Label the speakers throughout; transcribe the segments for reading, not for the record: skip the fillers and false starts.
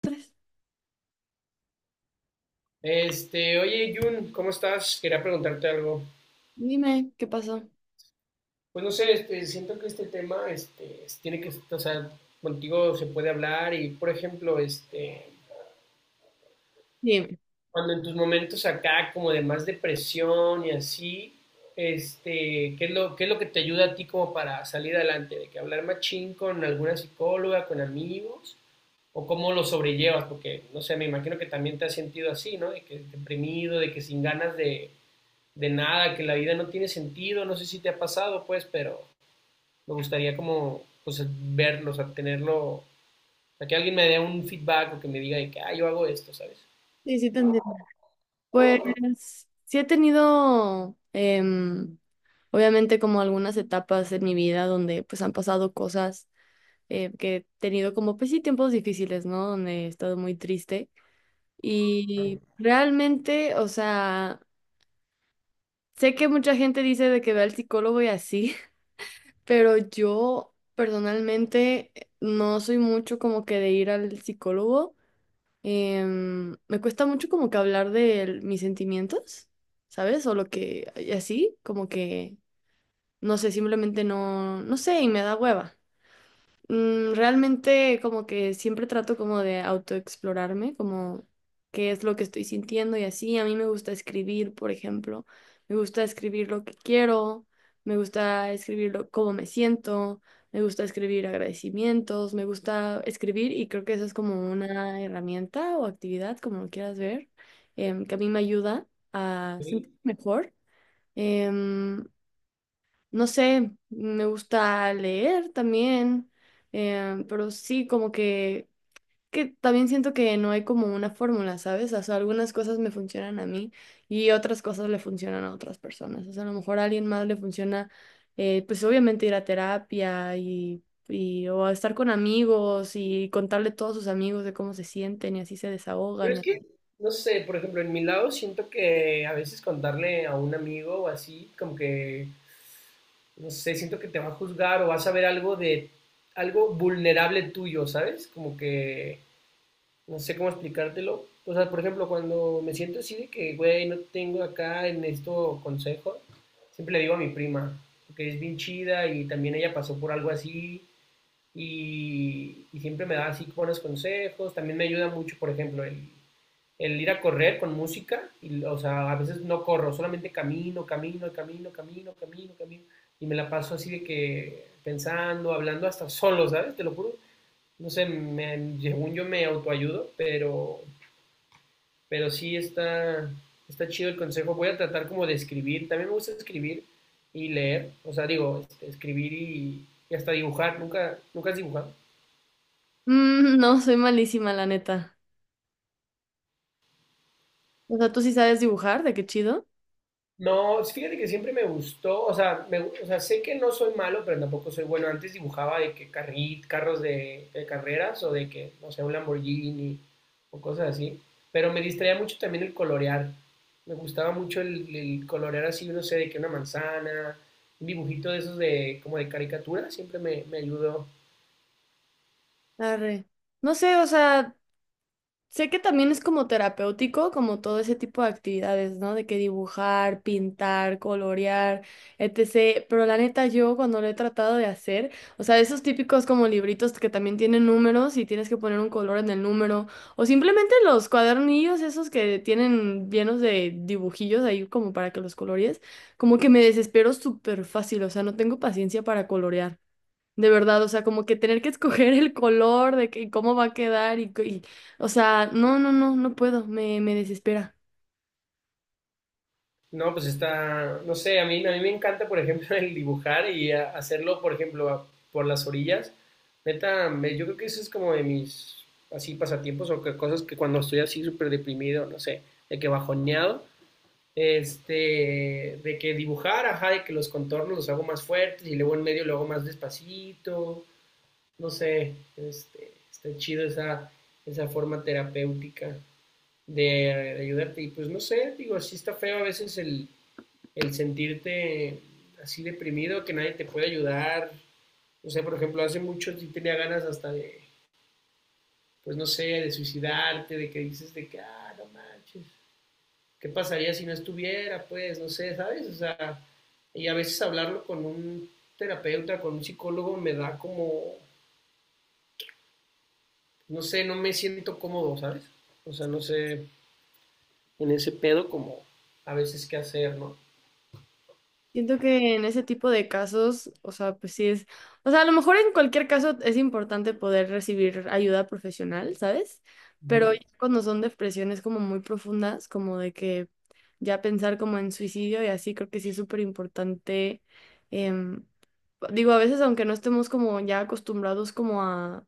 Speaker 1: Tres.
Speaker 2: Oye, Jun, ¿cómo estás? Quería preguntarte algo.
Speaker 1: Dime qué pasó.
Speaker 2: Pues no sé, siento que este tema, tiene que, o sea, contigo se puede hablar y, por ejemplo,
Speaker 1: Dime.
Speaker 2: cuando en tus momentos acá como de más depresión y así, ¿qué es lo que te ayuda a ti como para salir adelante? ¿De que hablar machín con alguna psicóloga, con amigos? ¿O cómo lo sobrellevas? Porque, no sé, me imagino que también te has sentido así, ¿no? De que deprimido, de que sin ganas de nada, que la vida no tiene sentido, no sé si te ha pasado, pues, pero me gustaría como, pues, verlo, o sea, tenerlo, a que alguien me dé un feedback o que me diga de que, ah, yo hago esto, ¿sabes?
Speaker 1: Sí, sí te entiendo. Pues sí he tenido, obviamente, como algunas etapas en mi vida donde pues han pasado cosas que he tenido como, pues sí, tiempos difíciles, ¿no? Donde he estado muy triste. Y realmente, o sea, sé que mucha gente dice de que ve al psicólogo y así, pero yo personalmente no soy mucho como que de ir al psicólogo. Me cuesta mucho como que hablar de mis sentimientos, ¿sabes? O lo que, y así, como que, no sé, simplemente no, no sé, y me da hueva. Mm, realmente como que siempre trato como de autoexplorarme, como qué es lo que estoy sintiendo y así. A mí me gusta escribir, por ejemplo. Me gusta escribir lo que quiero, me gusta escribir cómo me siento, me gusta escribir agradecimientos, me gusta escribir y creo que eso es como una herramienta o actividad, como lo quieras ver, que a mí me ayuda a sentirme
Speaker 2: Sí.
Speaker 1: mejor. Em, no sé, me gusta leer también, pero sí, como que también siento que no hay como una fórmula, ¿sabes? O sea, algunas cosas me funcionan a mí y otras cosas le funcionan a otras personas. O sea, a lo mejor a alguien más le funciona, pues obviamente ir a terapia y o a estar con amigos y contarle a todos sus amigos de cómo se sienten y así se
Speaker 2: Pero
Speaker 1: desahogan.
Speaker 2: es
Speaker 1: Y
Speaker 2: que, no sé, por ejemplo, en mi lado siento que a veces contarle a un amigo o así, como que, no sé, siento que te va a juzgar o vas a ver algo de, algo vulnerable tuyo, ¿sabes? Como que no sé cómo explicártelo. O sea, por ejemplo, cuando me siento así de que, güey, no tengo acá, necesito consejo, siempre le digo a mi prima, que es bien chida y también ella pasó por algo así y siempre me da así buenos consejos. También me ayuda mucho, por ejemplo, el ir a correr con música. Y, o sea, a veces no corro, solamente camino, camino, camino, camino, camino, camino. Y me la paso así de que pensando, hablando hasta solo, ¿sabes? Te lo juro, no sé, me, según yo me autoayudo, pero, pero sí está, está chido el consejo. Voy a tratar como de escribir, también me gusta escribir y leer, o sea, digo, escribir y hasta dibujar, nunca has dibujado.
Speaker 1: Mm, no, soy malísima, la neta. O sea, ¿tú sí sabes dibujar? ¿De qué chido?
Speaker 2: No, sí, fíjate que siempre me gustó, o sea, sé que no soy malo, pero tampoco soy bueno. Antes dibujaba de que carros de carreras o de que, no sé, un Lamborghini o cosas así, pero me distraía mucho también el colorear. Me gustaba mucho el colorear así, no sé, de que una manzana, un dibujito de esos de como de caricatura, me ayudó.
Speaker 1: Arre. No sé, o sea, sé que también es como terapéutico, como todo ese tipo de actividades, ¿no? De que dibujar, pintar, colorear, etc. Pero la neta, yo cuando lo he tratado de hacer, o sea, esos típicos como libritos que también tienen números y tienes que poner un color en el número, o simplemente los cuadernillos esos que tienen llenos de dibujillos ahí como para que los colorees, como que me desespero súper fácil, o sea, no tengo paciencia para colorear. De verdad, o sea, como que tener que escoger el color de que y cómo va a quedar o sea, no, no, no, no puedo, me desespera.
Speaker 2: No, pues está, no sé, a mí me encanta, por ejemplo, el dibujar y hacerlo, por ejemplo, por las orillas. Neta, yo creo que eso es como de mis, así, pasatiempos o que, cosas que cuando estoy así súper deprimido, no sé, de que bajoneado, de que dibujar, ajá, de que los contornos los hago más fuertes y luego en medio lo hago más despacito, no sé, está chido esa, esa forma terapéutica de ayudarte. Y pues no sé, digo, sí está feo a veces el sentirte así deprimido, que nadie te puede ayudar. O sea, por ejemplo, hace mucho sí tenía ganas hasta de, pues no sé, de suicidarte, de que dices de que, ah, no manches, ¿qué pasaría si no estuviera? Pues, no sé, ¿sabes? O sea, y a veces hablarlo con un terapeuta, con un psicólogo, me da como, no sé, no me siento cómodo, ¿sabes? O sea, no sé, en ese pedo como a veces qué hacer, ¿no?
Speaker 1: Siento que en ese tipo de casos, o sea, pues sí es, o sea, a lo mejor en cualquier caso es importante poder recibir ayuda profesional, ¿sabes?
Speaker 2: Uh
Speaker 1: Pero
Speaker 2: -huh.
Speaker 1: ya cuando son depresiones como muy profundas, como de que ya pensar como en suicidio y así, creo que sí es súper importante. em, Digo, a veces aunque no estemos como ya acostumbrados como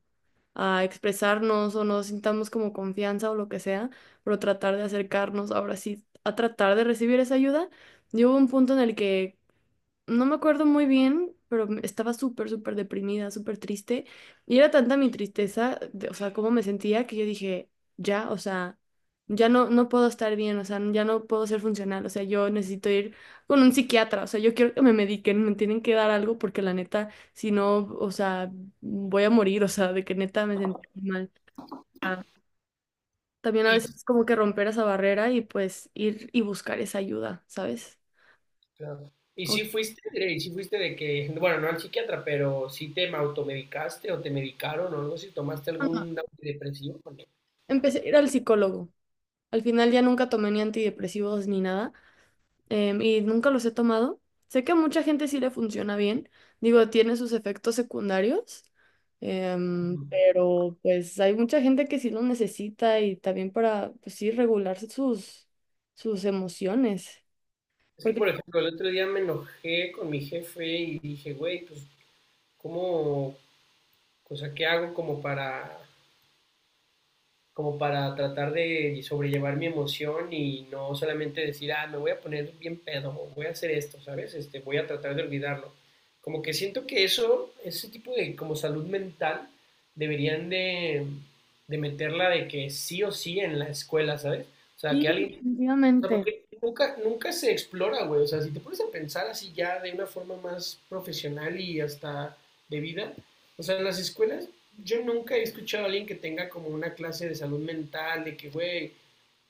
Speaker 1: a expresarnos o no sintamos como confianza o lo que sea, pero tratar de acercarnos ahora sí a tratar de recibir esa ayuda. Yo hubo un punto en el que no me acuerdo muy bien, pero estaba súper, súper deprimida, súper triste. Y era tanta mi tristeza, de- o sea, cómo me sentía, que yo dije, ya, o sea, ya no, no puedo estar bien, o sea, ya no puedo ser funcional, o sea, yo necesito ir con un psiquiatra, o sea, yo quiero que me mediquen, me tienen que dar algo porque la neta, si no, o sea, voy a morir, o sea, de que neta me sentí mal. Ah, también a veces
Speaker 2: Y
Speaker 1: es como que romper esa barrera y pues ir y buscar esa ayuda, ¿sabes?
Speaker 2: claro. ¿Y si
Speaker 1: Aunque-
Speaker 2: fuiste, ¿y si fuiste de que, bueno, no al psiquiatra, pero si te automedicaste o te medicaron o algo, si tomaste
Speaker 1: bueno,
Speaker 2: algún antidepresivo? Porque
Speaker 1: Empecé a ir al psicólogo. Al final ya nunca tomé ni antidepresivos ni nada, y nunca los he tomado. Sé que a mucha gente sí le funciona bien, digo, tiene sus efectos secundarios, pero pues hay mucha gente que sí lo necesita y también para, pues sí, regularse sus, sus emociones.
Speaker 2: es que,
Speaker 1: Porque
Speaker 2: por
Speaker 1: pues,
Speaker 2: ejemplo, el otro día me enojé con mi jefe y dije, güey, pues, ¿cómo, o sea, qué hago como para como para tratar de sobrellevar mi emoción y no solamente decir, ah, me voy a poner bien pedo, o voy a hacer esto, ¿sabes? Voy a tratar de olvidarlo. Como que siento que eso, ese tipo de como salud mental, deberían de meterla de que sí o sí en la escuela, ¿sabes? O sea,
Speaker 1: sí,
Speaker 2: que alguien, o sea,
Speaker 1: definitivamente.
Speaker 2: porque nunca se explora, güey. O sea, si te pones a pensar así ya de una forma más profesional y hasta de vida, o sea, en las escuelas yo nunca he escuchado a alguien que tenga como una clase de salud mental, de que, güey,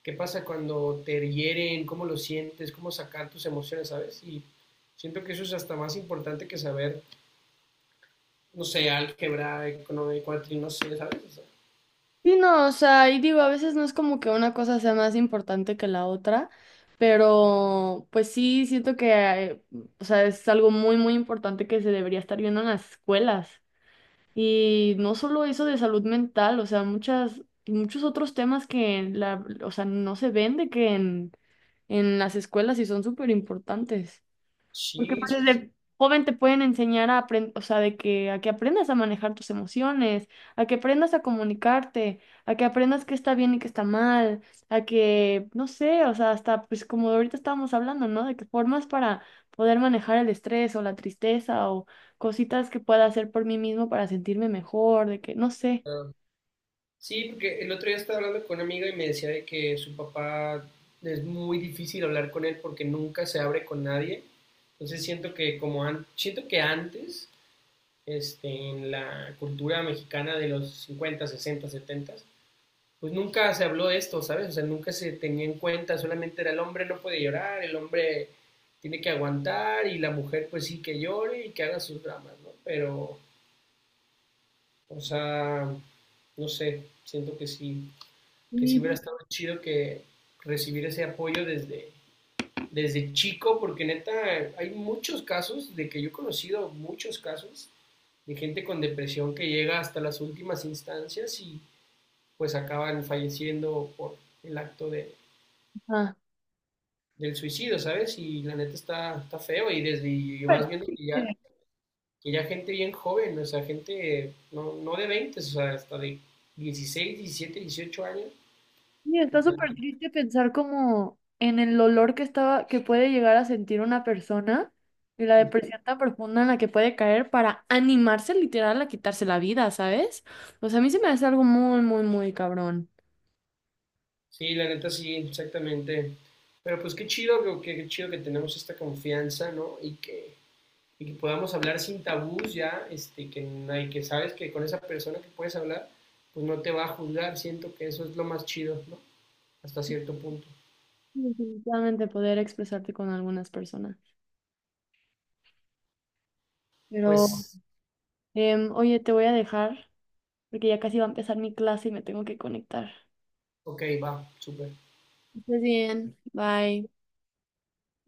Speaker 2: ¿qué pasa cuando te hieren? ¿Cómo lo sientes? ¿Cómo sacar tus emociones, sabes? Y siento que eso es hasta más importante que saber, no sé, álgebra, economía, cuatrino, no sé, ¿sabes? O sea,
Speaker 1: Sí, no, o sea, y digo, a veces no es como que una cosa sea más importante que la otra, pero pues sí, siento que, o sea, es algo muy, muy importante que se debería estar viendo en las escuelas. Y no solo eso de salud mental, o sea, muchos otros temas que o sea, no se ven de que en las escuelas y son súper importantes. Porque
Speaker 2: sí,
Speaker 1: pues,
Speaker 2: sí, sí.
Speaker 1: desde joven te pueden enseñar a aprender, o sea, de que a que aprendas a manejar tus emociones, a que aprendas a comunicarte, a que aprendas qué está bien y qué está mal, a que, no sé, o sea, hasta pues como ahorita estábamos hablando, ¿no? De que formas para poder manejar el estrés o la tristeza o cositas que pueda hacer por mí mismo para sentirme mejor, de que, no sé.
Speaker 2: Sí, porque el otro día estaba hablando con una amiga y me decía de que su papá es muy difícil hablar con él porque nunca se abre con nadie. Entonces siento que siento que antes, en la cultura mexicana de los 50, 60, 70, pues nunca se habló de esto, ¿sabes? O sea, nunca se tenía en cuenta, solamente era el hombre no puede llorar, el hombre tiene que aguantar y la mujer pues sí que llore y que haga sus dramas, ¿no? Pero, o sea, no sé, siento que sí hubiera
Speaker 1: Sí.
Speaker 2: estado chido que recibir ese apoyo desde, desde chico, porque neta hay muchos casos de que yo he conocido muchos casos de gente con depresión que llega hasta las últimas instancias y pues acaban falleciendo por el acto de,
Speaker 1: Ah.
Speaker 2: del suicidio, ¿sabes? Y la neta está, está feo y desde y
Speaker 1: Pero
Speaker 2: vas viendo
Speaker 1: sí,
Speaker 2: que ya gente bien joven, o sea, gente no, no de veinte, o sea, hasta de 16, 17, 18 años,
Speaker 1: y está súper
Speaker 2: ya,
Speaker 1: triste pensar como en el dolor que estaba, que puede llegar a sentir una persona y la depresión tan profunda en la que puede caer para animarse literal a quitarse la vida, ¿sabes? O sea, a mí se me hace algo muy, muy, muy cabrón.
Speaker 2: sí, la neta sí, exactamente. Pero pues qué chido, qué chido que tenemos esta confianza, ¿no? Y que podamos hablar sin tabús ya, este, que, nadie- que sabes que con esa persona que puedes hablar, pues no te va a juzgar. Siento que eso es lo más chido, ¿no? Hasta cierto punto.
Speaker 1: Sí, definitivamente poder expresarte con algunas personas. Pero,
Speaker 2: Pues,
Speaker 1: oye, te voy a dejar porque ya casi va a empezar mi clase y me tengo que conectar.
Speaker 2: ok, va, súper.
Speaker 1: Que estés bien. Bye.